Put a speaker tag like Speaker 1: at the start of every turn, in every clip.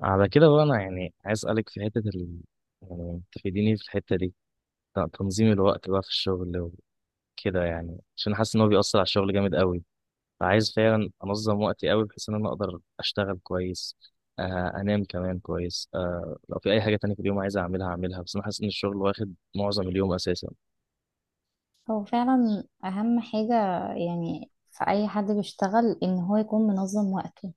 Speaker 1: على كده بقى انا يعني عايز اسالك في حته ال... يعني تفيديني في الحته دي. تنظيم الوقت بقى في الشغل وكده، يعني عشان حاسس ان هو بيأثر على الشغل جامد قوي. فعايز فعلا انظم وقتي قوي، بحيث ان انا اقدر اشتغل كويس. آه، انام كمان كويس، آه لو في اي حاجه تانية في اليوم عايز اعملها اعملها. بس انا حاسس ان الشغل واخد معظم اليوم اساسا.
Speaker 2: هو فعلا أهم حاجة يعني في أي حد بيشتغل إن هو يكون منظم وقته،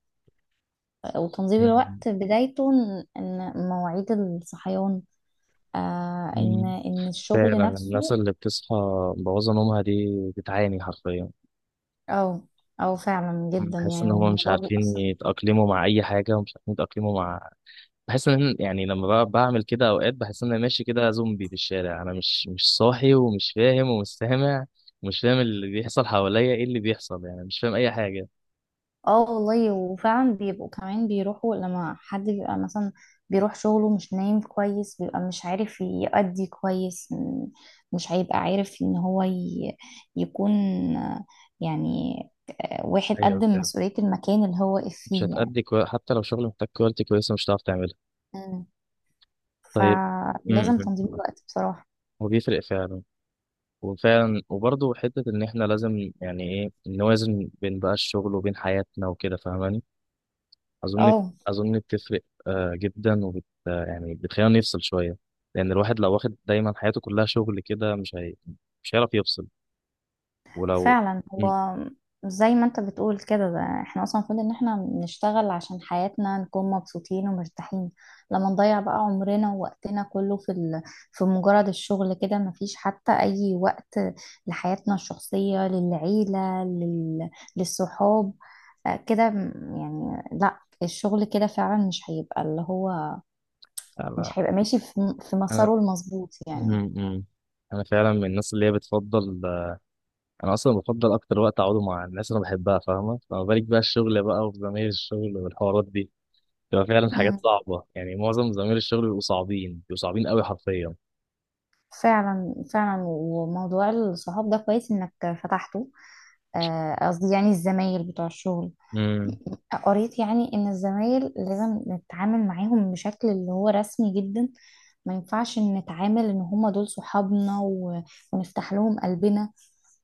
Speaker 2: وتنظيم
Speaker 1: مم.
Speaker 2: الوقت بدايته إن مواعيد الصحيان، إن
Speaker 1: مم.
Speaker 2: إن الشغل
Speaker 1: فعلا الناس
Speaker 2: نفسه.
Speaker 1: اللي بتصحى مبوظه نومها دي بتعاني حرفيا.
Speaker 2: أو أو فعلا جدا
Speaker 1: بحس
Speaker 2: يعني،
Speaker 1: ان هم مش
Speaker 2: والموضوع
Speaker 1: عارفين
Speaker 2: بيأثر.
Speaker 1: يتأقلموا مع اي حاجه، ومش عارفين يتأقلموا مع، بحس ان يعني لما بعمل كده اوقات بحس ان انا ماشي كده زومبي في الشارع. انا مش صاحي، ومش فاهم، ومش سامع، ومش فاهم اللي بيحصل حواليا، ايه اللي بيحصل؟ يعني مش فاهم اي حاجه.
Speaker 2: اه والله، وفعلا بيبقوا كمان بيروحوا لما حد بيبقى مثلا بيروح شغله مش نايم كويس، بيبقى مش عارف يأدي كويس. مش هيبقى عارف يكون آه، يعني واحد
Speaker 1: ايوه
Speaker 2: قدم
Speaker 1: فاهم.
Speaker 2: مسؤولية المكان اللي هو واقف
Speaker 1: مش
Speaker 2: فيه يعني.
Speaker 1: هتأدي كوي... حتى لو شغل محتاج كواليتي كويسه مش هتعرف تعملها.
Speaker 2: مم.
Speaker 1: طيب. امم.
Speaker 2: فلازم تنظيم الوقت بصراحة.
Speaker 1: وبيفرق فعلا. وفعلا وبرضه حته ان احنا لازم يعني ايه نوازن بين بقى الشغل وبين حياتنا وكده، فاهماني؟ اظن،
Speaker 2: اه
Speaker 1: اظن بتفرق. آه، جدا. وبت آه، يعني بتخلينا نفصل شويه. لان الواحد لو واخد دايما حياته كلها شغل كده مش هي... مش هيعرف يفصل. ولو.
Speaker 2: فعلا،
Speaker 1: مم.
Speaker 2: هو زي ما انت بتقول كده، ده احنا اصلا المفروض ان احنا نشتغل عشان حياتنا نكون مبسوطين ومرتاحين. لما نضيع بقى عمرنا ووقتنا كله في في مجرد الشغل كده، مفيش حتى اي وقت لحياتنا الشخصية، للعيلة، للصحاب. كده يعني لا الشغل كده فعلا مش هيبقى اللي هو
Speaker 1: انا
Speaker 2: مش هيبقى ماشي في
Speaker 1: انا
Speaker 2: مساره المظبوط يعني.
Speaker 1: مم، مم. انا فعلا من الناس اللي هي بتفضل، آه، انا اصلا بفضل اكتر وقت اقعده مع الناس اللي انا بحبها، فاهمه؟ فما بالك بقى الشغل بقى وزمايل الشغل والحوارات دي، بتبقى فعلا حاجات صعبه. يعني معظم زمايل الشغل بيبقوا صعبين، بيبقوا صعبين قوي حرفيا.
Speaker 2: فعلا فعلا، وموضوع الصحاب ده كويس انك فتحته. قصدي يعني الزمايل بتوع الشغل.
Speaker 1: امم.
Speaker 2: قريت يعني ان الزمايل لازم نتعامل معاهم بشكل اللي هو رسمي جدا، ما ينفعش إن نتعامل ان هما دول صحابنا ونفتح لهم قلبنا.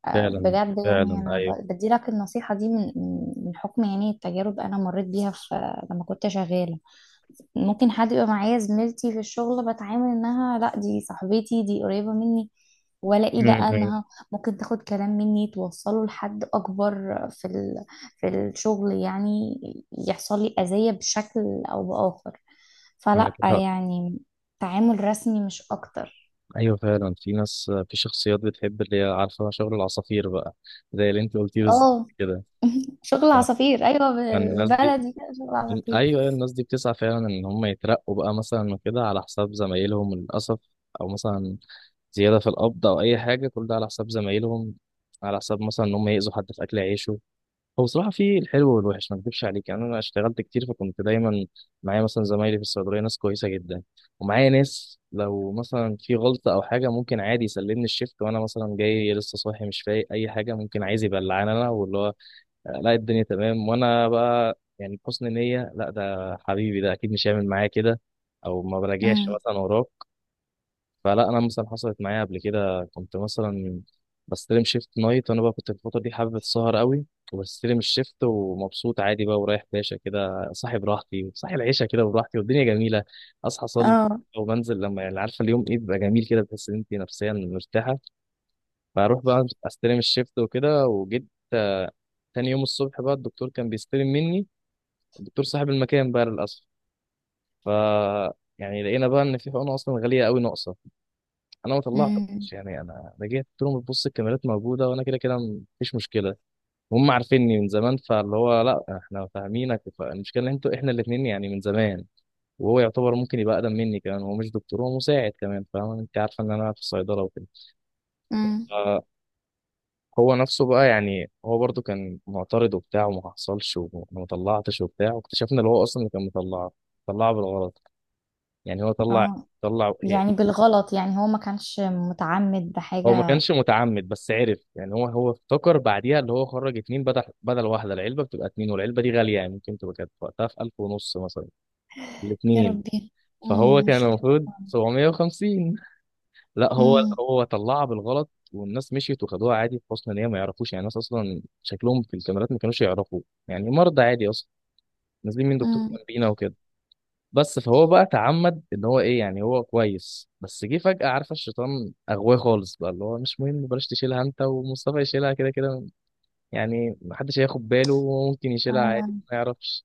Speaker 1: فعلا
Speaker 2: بجد يعني
Speaker 1: فعلا
Speaker 2: انا
Speaker 1: ايوه.
Speaker 2: بديلك النصيحة دي من حكم يعني التجارب انا مريت بيها في لما كنت شغالة. ممكن حد يبقى معايا زميلتي في الشغل، بتعامل انها لا دي صاحبتي، دي قريبة مني، والاقي لا، انها
Speaker 1: امم.
Speaker 2: ممكن تاخد كلام مني توصله لحد اكبر في في الشغل يعني، يحصل لي اذية بشكل او باخر.
Speaker 1: معاك.
Speaker 2: فلا يعني، تعامل رسمي مش اكتر.
Speaker 1: ايوه فعلا، في ناس، في شخصيات بتحب اللي هي عارفه شغل العصافير بقى، زي اللي انت قلتيه بالظبط
Speaker 2: اه
Speaker 1: كده.
Speaker 2: شغل
Speaker 1: فكان
Speaker 2: عصافير، ايوه
Speaker 1: الناس دي،
Speaker 2: بالبلدي كده شغل عصافير.
Speaker 1: ايوه أيوة، الناس دي بتسعى فعلا ان هم يترقوا بقى مثلا وكده على حساب زمايلهم للاسف. او مثلا زياده في القبض او اي حاجه، كل ده على حساب زمايلهم. على حساب مثلا ان هم يأذوا حد في اكل عيشه. هو بصراحة في الحلو والوحش، ما اكدبش عليك، يعني أنا اشتغلت كتير فكنت دايما معايا مثلا زمايلي في الصيدلية ناس كويسة جدا. ومعايا ناس لو مثلا في غلطة أو حاجة ممكن عادي يسلمني الشيفت وأنا مثلا جاي لسه صاحي مش فايق أي حاجة ممكن عايز يبلعني أنا واللي هو، آه، لا الدنيا تمام، وأنا بقى يعني بحسن نية لا ده حبيبي ده أكيد مش هيعمل معايا كده. أو ما براجعش
Speaker 2: امم.
Speaker 1: مثلا وراك. فلا، انا مثلا حصلت معايا قبل كده، كنت مثلا بستلم شيفت نايت، وانا بقى كنت في الفتره دي حابب السهر قوي. وبستلم الشيفت ومبسوط عادي بقى، ورايح باشا كده صاحي براحتي، صاحي العيشه كده براحتي، والدنيا جميله. اصحى اصلي،
Speaker 2: اه.
Speaker 1: وبنزل، لما يعني عارفه اليوم ايه بيبقى جميل كده، بتحس ان انت نفسيا مرتاحه. فاروح بقى استلم الشيفت وكده، وجيت، آه، تاني يوم الصبح بقى الدكتور كان بيستلم مني، الدكتور صاحب المكان بقى للاسف. ف، يعني لقينا بقى ان في حقنه اصلا غاليه قوي ناقصه. انا ما طلعتش.
Speaker 2: امم.
Speaker 1: يعني انا جيت قلت لهم بص الكاميرات موجوده، وانا كده كده مفيش مشكله، هم عارفيني من زمان. فاللي هو لا احنا فاهمينك، فالمشكله ان انتوا، احنا الاثنين يعني من زمان. وهو يعتبر ممكن يبقى اقدم مني كمان، هو مش دكتور هو مساعد كمان، فاهم انت عارفه ان انا في الصيدله وكده.
Speaker 2: امم.
Speaker 1: ف- هو نفسه بقى، يعني هو برضو كان معترض وبتاع، وما حصلش وما ما طلعتش وبتاع، واكتشفنا اللي هو اصلا اللي كان مطلعه طلعه بالغلط. يعني هو طلع،
Speaker 2: اه
Speaker 1: طلع،
Speaker 2: يعني بالغلط، يعني هو ما كانش متعمد
Speaker 1: هو ما
Speaker 2: بحاجة.
Speaker 1: كانش متعمد، بس عرف، يعني هو افتكر بعديها اللي هو خرج اتنين بدل واحدة، العلبة بتبقى اتنين والعلبة دي غالية، يعني ممكن تبقى كانت وقتها في ألف ونص مثلا
Speaker 2: يا
Speaker 1: الاتنين.
Speaker 2: ربي،
Speaker 1: فهو
Speaker 2: امم،
Speaker 1: كان
Speaker 2: مشكلة.
Speaker 1: المفروض 750. لا هو،
Speaker 2: امم.
Speaker 1: هو طلعها بالغلط والناس مشيت وخدوها عادي بحسن نية، ما يعرفوش، يعني الناس أصلا شكلهم في الكاميرات ما كانوش يعرفوا، يعني مرضى عادي أصلا نازلين من دكتور
Speaker 2: امم.
Speaker 1: جنبينا وكده. بس فهو بقى تعمد، ان هو ايه، يعني هو كويس بس جه فجأة، عارفه الشيطان اغواه خالص بقى، اللي هو مش مهم بلاش تشيلها انت ومصطفى يشيلها كده كده، يعني محدش هياخد باله وممكن يشيلها عادي
Speaker 2: آه.
Speaker 1: ما يعرفش.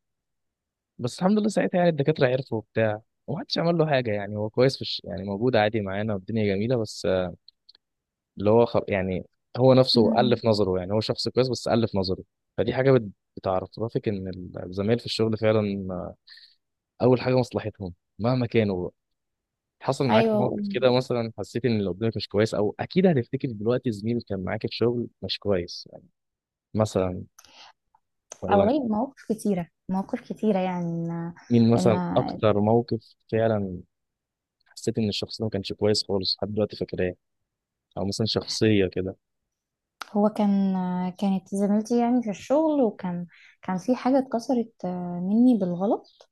Speaker 1: بس الحمد لله ساعتها يعني الدكاترة عرفوا وبتاع، ومحدش عمل له حاجة، يعني هو كويس في الش... يعني موجود عادي معانا والدنيا جميلة. بس آه، اللي هو خل... يعني هو نفسه
Speaker 2: امم.
Speaker 1: ألف نظره، يعني هو شخص كويس بس ألف نظره. فدي حاجة بت... بتعرفك ان الزمايل في الشغل فعلا، آه، اول حاجة مصلحتهم مهما كانوا. حصل معاك
Speaker 2: ايوه
Speaker 1: موقف كده مثلا، حسيت ان اللي قدامك مش كويس؟ او اكيد هتفتكر دلوقتي زميل كان معاك في الشغل مش كويس مثلا،
Speaker 2: آه
Speaker 1: ولا؟
Speaker 2: والله، مواقف كتيرة مواقف كتيرة يعني ان
Speaker 1: مين
Speaker 2: ان
Speaker 1: مثلا اكتر موقف فعلا حسيت ان الشخص ده ما كانش كويس خالص لحد دلوقتي فاكراه؟ او مثلا شخصيه كده.
Speaker 2: هو كان، كانت زميلتي يعني في الشغل، وكان كان في حاجة اتكسرت مني بالغلط.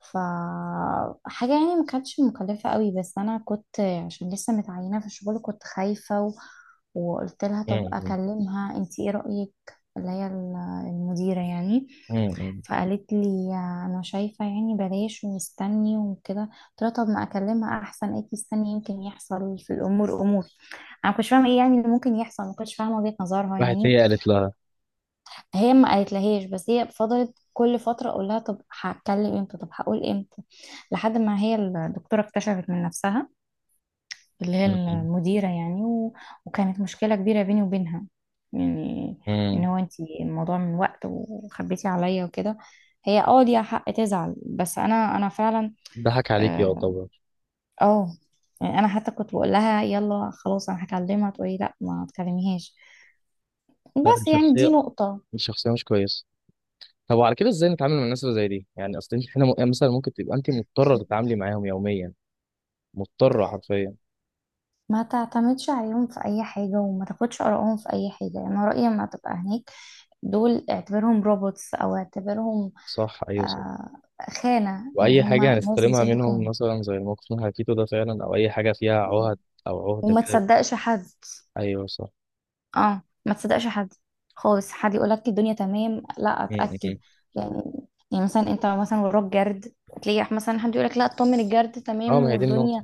Speaker 2: فحاجة يعني ما كانتش مكلفة قوي، بس أنا كنت عشان لسه متعينة في الشغل كنت خايفة وقلت لها طب
Speaker 1: مم.
Speaker 2: أكلمها، أنتي إيه رأيك؟ اللي هي المديرة يعني.
Speaker 1: مم.
Speaker 2: فقالت لي أنا شايفة يعني بلاش ومستني وكده. قلت لها طب ما أكلمها أحسن، أكيد استني يمكن يحصل في الأمور أمور. أنا ما كنتش فاهمة إيه يعني اللي ممكن يحصل، ما كنتش فاهمة وجهة نظرها
Speaker 1: راحت
Speaker 2: يعني.
Speaker 1: هي قالت لها؟
Speaker 2: هي ما قالتلهاش، بس هي فضلت كل فترة اقول لها طب هتكلم امتى، طب هقول امتى، لحد ما هي الدكتورة اكتشفت من نفسها، اللي هي
Speaker 1: مم.
Speaker 2: المديرة يعني وكانت مشكلة كبيرة بيني وبينها. يعني
Speaker 1: مم.
Speaker 2: ان هو انتي الموضوع من وقت وخبيتي عليا وكده. هي اه ليها حق تزعل، بس انا انا فعلا.
Speaker 1: ضحك عليك
Speaker 2: اه.
Speaker 1: يعتبر.
Speaker 2: آه. يعني انا حتى كنت بقول لها يلا خلاص انا هكلمها، تقولي لا ما تكلميهاش.
Speaker 1: لا دي
Speaker 2: بس يعني
Speaker 1: شخصيه،
Speaker 2: دي نقطة.
Speaker 1: دي شخصيه مش كويسه. طب وعلى كده ازاي نتعامل مع الناس اللي زي دي؟ يعني اصل انت هنا م- يعني مثلا ممكن تبقى انت مضطره تتعاملي معاهم يوميا، مضطره حرفيا.
Speaker 2: ما تعتمدش عليهم في اي حاجة، وما تاخدش آرائهم في اي حاجة. يعني انا رأيي لما تبقى هناك، دول اعتبرهم روبوتس او اعتبرهم
Speaker 1: صح ايوه.
Speaker 2: آه خانة، يعني
Speaker 1: واي حاجه
Speaker 2: هما ناس
Speaker 1: هنستلمها
Speaker 2: بيسدوا
Speaker 1: منهم
Speaker 2: خانة.
Speaker 1: مثلا زي الموقف من حكيته ده فعلا، او اي حاجه فيها عهد
Speaker 2: مم.
Speaker 1: او عهده
Speaker 2: وما
Speaker 1: كده.
Speaker 2: تصدقش حد.
Speaker 1: ايوه صح.
Speaker 2: اه ما تصدقش حد خالص. حد يقولك الدنيا تمام، لا
Speaker 1: م- م-
Speaker 2: اتأكد
Speaker 1: م.
Speaker 2: يعني. يعني مثلا انت مثلا وراك جرد، تلاقي مثلا حد يقولك لا اطمن الجرد
Speaker 1: اه
Speaker 2: تمام
Speaker 1: ما هي دي النقطه.
Speaker 2: والدنيا،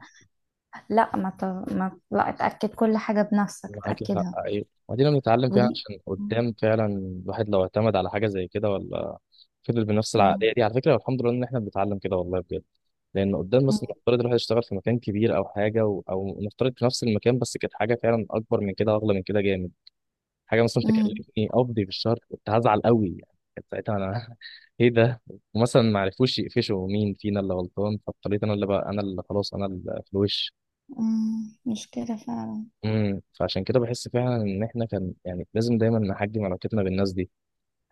Speaker 2: لا ما لا، اتأكد كل حاجة بنفسك
Speaker 1: معاك حق
Speaker 2: تأكدها.
Speaker 1: ايوه، ودينا بنتعلم فيها
Speaker 2: ودي
Speaker 1: عشان
Speaker 2: مم.
Speaker 1: قدام فعلا الواحد لو اعتمد على حاجه زي كده ولا فضل بنفس العقليه دي. على فكره، والحمد لله ان احنا بنتعلم كده والله بجد. لان قدام
Speaker 2: مم.
Speaker 1: مثلا نفترض الواحد يشتغل في مكان كبير او حاجه و... او نفترض في نفس المكان بس كانت حاجه فعلا اكبر من كده، اغلى من كده جامد، حاجه مثلا
Speaker 2: امم.
Speaker 1: تكلفني قبضي بالشهر، كنت هزعل قوي يعني. كانت ساعتها انا ايه ده. ومثلا ما عرفوش يقفشوا مين فينا اللي غلطان، فاضطريت انا اللي بقى، انا اللي خلاص انا اللي في الوش.
Speaker 2: مشكلة فعلا.
Speaker 1: امم. فعشان كده بحس فعلا ان احنا كان يعني لازم دايما نحجم علاقتنا بالناس دي.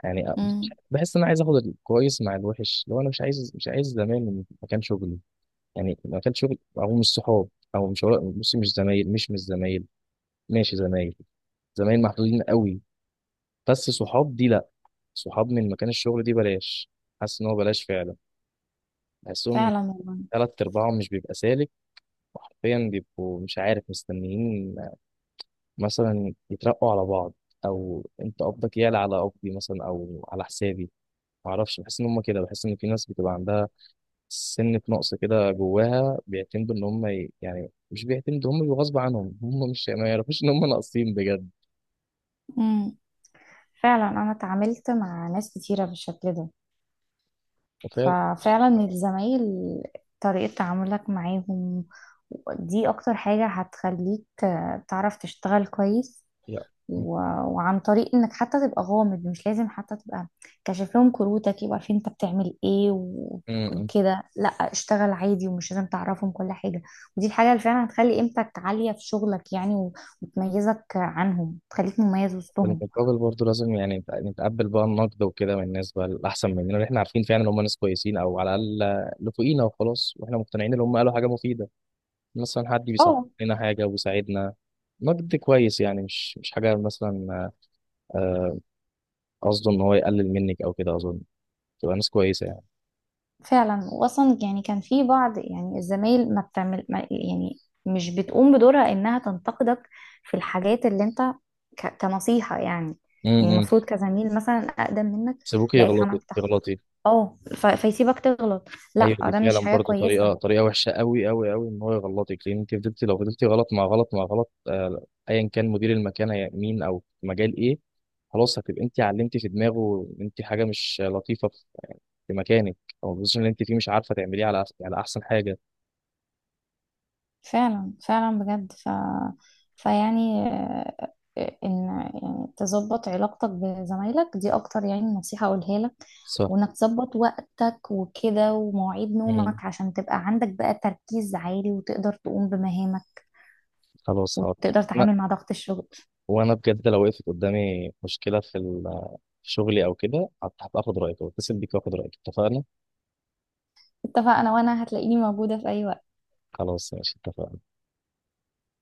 Speaker 1: يعني مش-
Speaker 2: امم.
Speaker 1: بحس ان انا عايز اخد الكويس مع الوحش. لو انا مش عايز، مش عايز زمايل من مكان شغلي، يعني مكان شغلي، او مش صحاب، او مش، بص مش زمايل، مش زمايل، ماشي زمايل، زمايل محدودين قوي. بس صحاب دي لا، صحاب من مكان الشغل دي بلاش. حاسس ان هو بلاش فعلا. بحسهم
Speaker 2: فعلا والله.
Speaker 1: تلات ارباعهم مش بيبقى سالك، وحرفيا بيبقوا مش عارف مستنيين مثلا يترقوا على بعض، او انت قبضك يعلى على قبضي مثلا او على حسابي. معرفش، بحس ان هم كده، بحس ان في ناس بتبقى عندها سنة نقص كده جواها، بيعتمدوا ان هم يعني مش بيعتمدوا، هم بيبقوا غصب عنهم، هم مش ما يعرفوش ان هم ناقصين بجد.
Speaker 2: امم. فعلا انا اتعاملت مع ناس كتيرة بالشكل ده.
Speaker 1: فعلا.
Speaker 2: ففعلا الزمايل، طريقة تعاملك معاهم دي اكتر حاجة هتخليك تعرف تشتغل كويس و- وعن طريق انك حتى تبقى غامض، مش لازم حتى تبقى كاشف لهم كروتك يبقى عارفين انت بتعمل ايه
Speaker 1: لا.
Speaker 2: وكده. لا اشتغل عادي، ومش لازم تعرفهم كل حاجة. ودي الحاجة اللي فعلا هتخلي قيمتك عالية في شغلك يعني وتميزك عنهم، تخليك مميز وسطهم.
Speaker 1: بالمقابل برضه لازم يعني نتقبل بقى النقد وكده من الناس بقى الأحسن مننا، اللي احنا عارفين فعلا ان هم ناس كويسين، أو على الأقل اللي فوقينا وخلاص، واحنا مقتنعين ان هم قالوا حاجة مفيدة. مثلا حد بيصحح
Speaker 2: اه
Speaker 1: لنا حاجة وبيساعدنا، نقد كويس يعني، مش مش حاجة مثلا، آه، قصده ان هو يقلل منك أو كده أظن. تبقى ناس كويسة يعني.
Speaker 2: فعلا، واصلا يعني كان في بعض يعني الزمايل ما بتعمل ما يعني، مش بتقوم بدورها انها تنتقدك في الحاجات اللي انت، كنصيحة يعني. يعني
Speaker 1: امم.
Speaker 2: المفروض كزميل مثلا اقدم منك،
Speaker 1: سيبوكي
Speaker 2: لاقيك
Speaker 1: يغلطي،
Speaker 2: عملت تحقيق،
Speaker 1: تغلطي.
Speaker 2: اه فيسيبك تغلط.
Speaker 1: ايوه
Speaker 2: لا
Speaker 1: دي
Speaker 2: ده
Speaker 1: فعلا
Speaker 2: مش حاجة
Speaker 1: برضه طريقه،
Speaker 2: كويسة.
Speaker 1: طريقه وحشه قوي قوي قوي ان هو يغلطك. لان انت فضلتي، لو فضلتي غلط مع غلط مع غلط، آه، ايا كان مدير المكان هي- مين، او في مجال ايه، خلاص هتبقى انت علمتي في دماغه ان انت حاجه مش لطيفه في في مكانك، او البوزيشن اللي انت فيه مش عارفه تعمليه على أحس- على احسن حاجه.
Speaker 2: فعلا فعلا بجد، ف... فيعني آه، آه، ان يعني تظبط علاقتك بزمايلك دي اكتر يعني نصيحة اقولها لك،
Speaker 1: صح.
Speaker 2: وانك تظبط وقتك وكده ومواعيد نومك
Speaker 1: مم.
Speaker 2: عشان تبقى عندك بقى تركيز عالي، وتقدر تقوم بمهامك،
Speaker 1: خلاص حاضر.
Speaker 2: وتقدر
Speaker 1: انا،
Speaker 2: تعامل مع ضغط الشغل.
Speaker 1: وانا بجد لو وقفت قدامي مشكله في ال- في شغلي او كده هبقى اخد رايك واتصل بيك واخد رايك، اتفقنا.
Speaker 2: اتفقنا، وانا هتلاقيني موجودة في اي وقت.
Speaker 1: خلاص ماشي اتفقنا.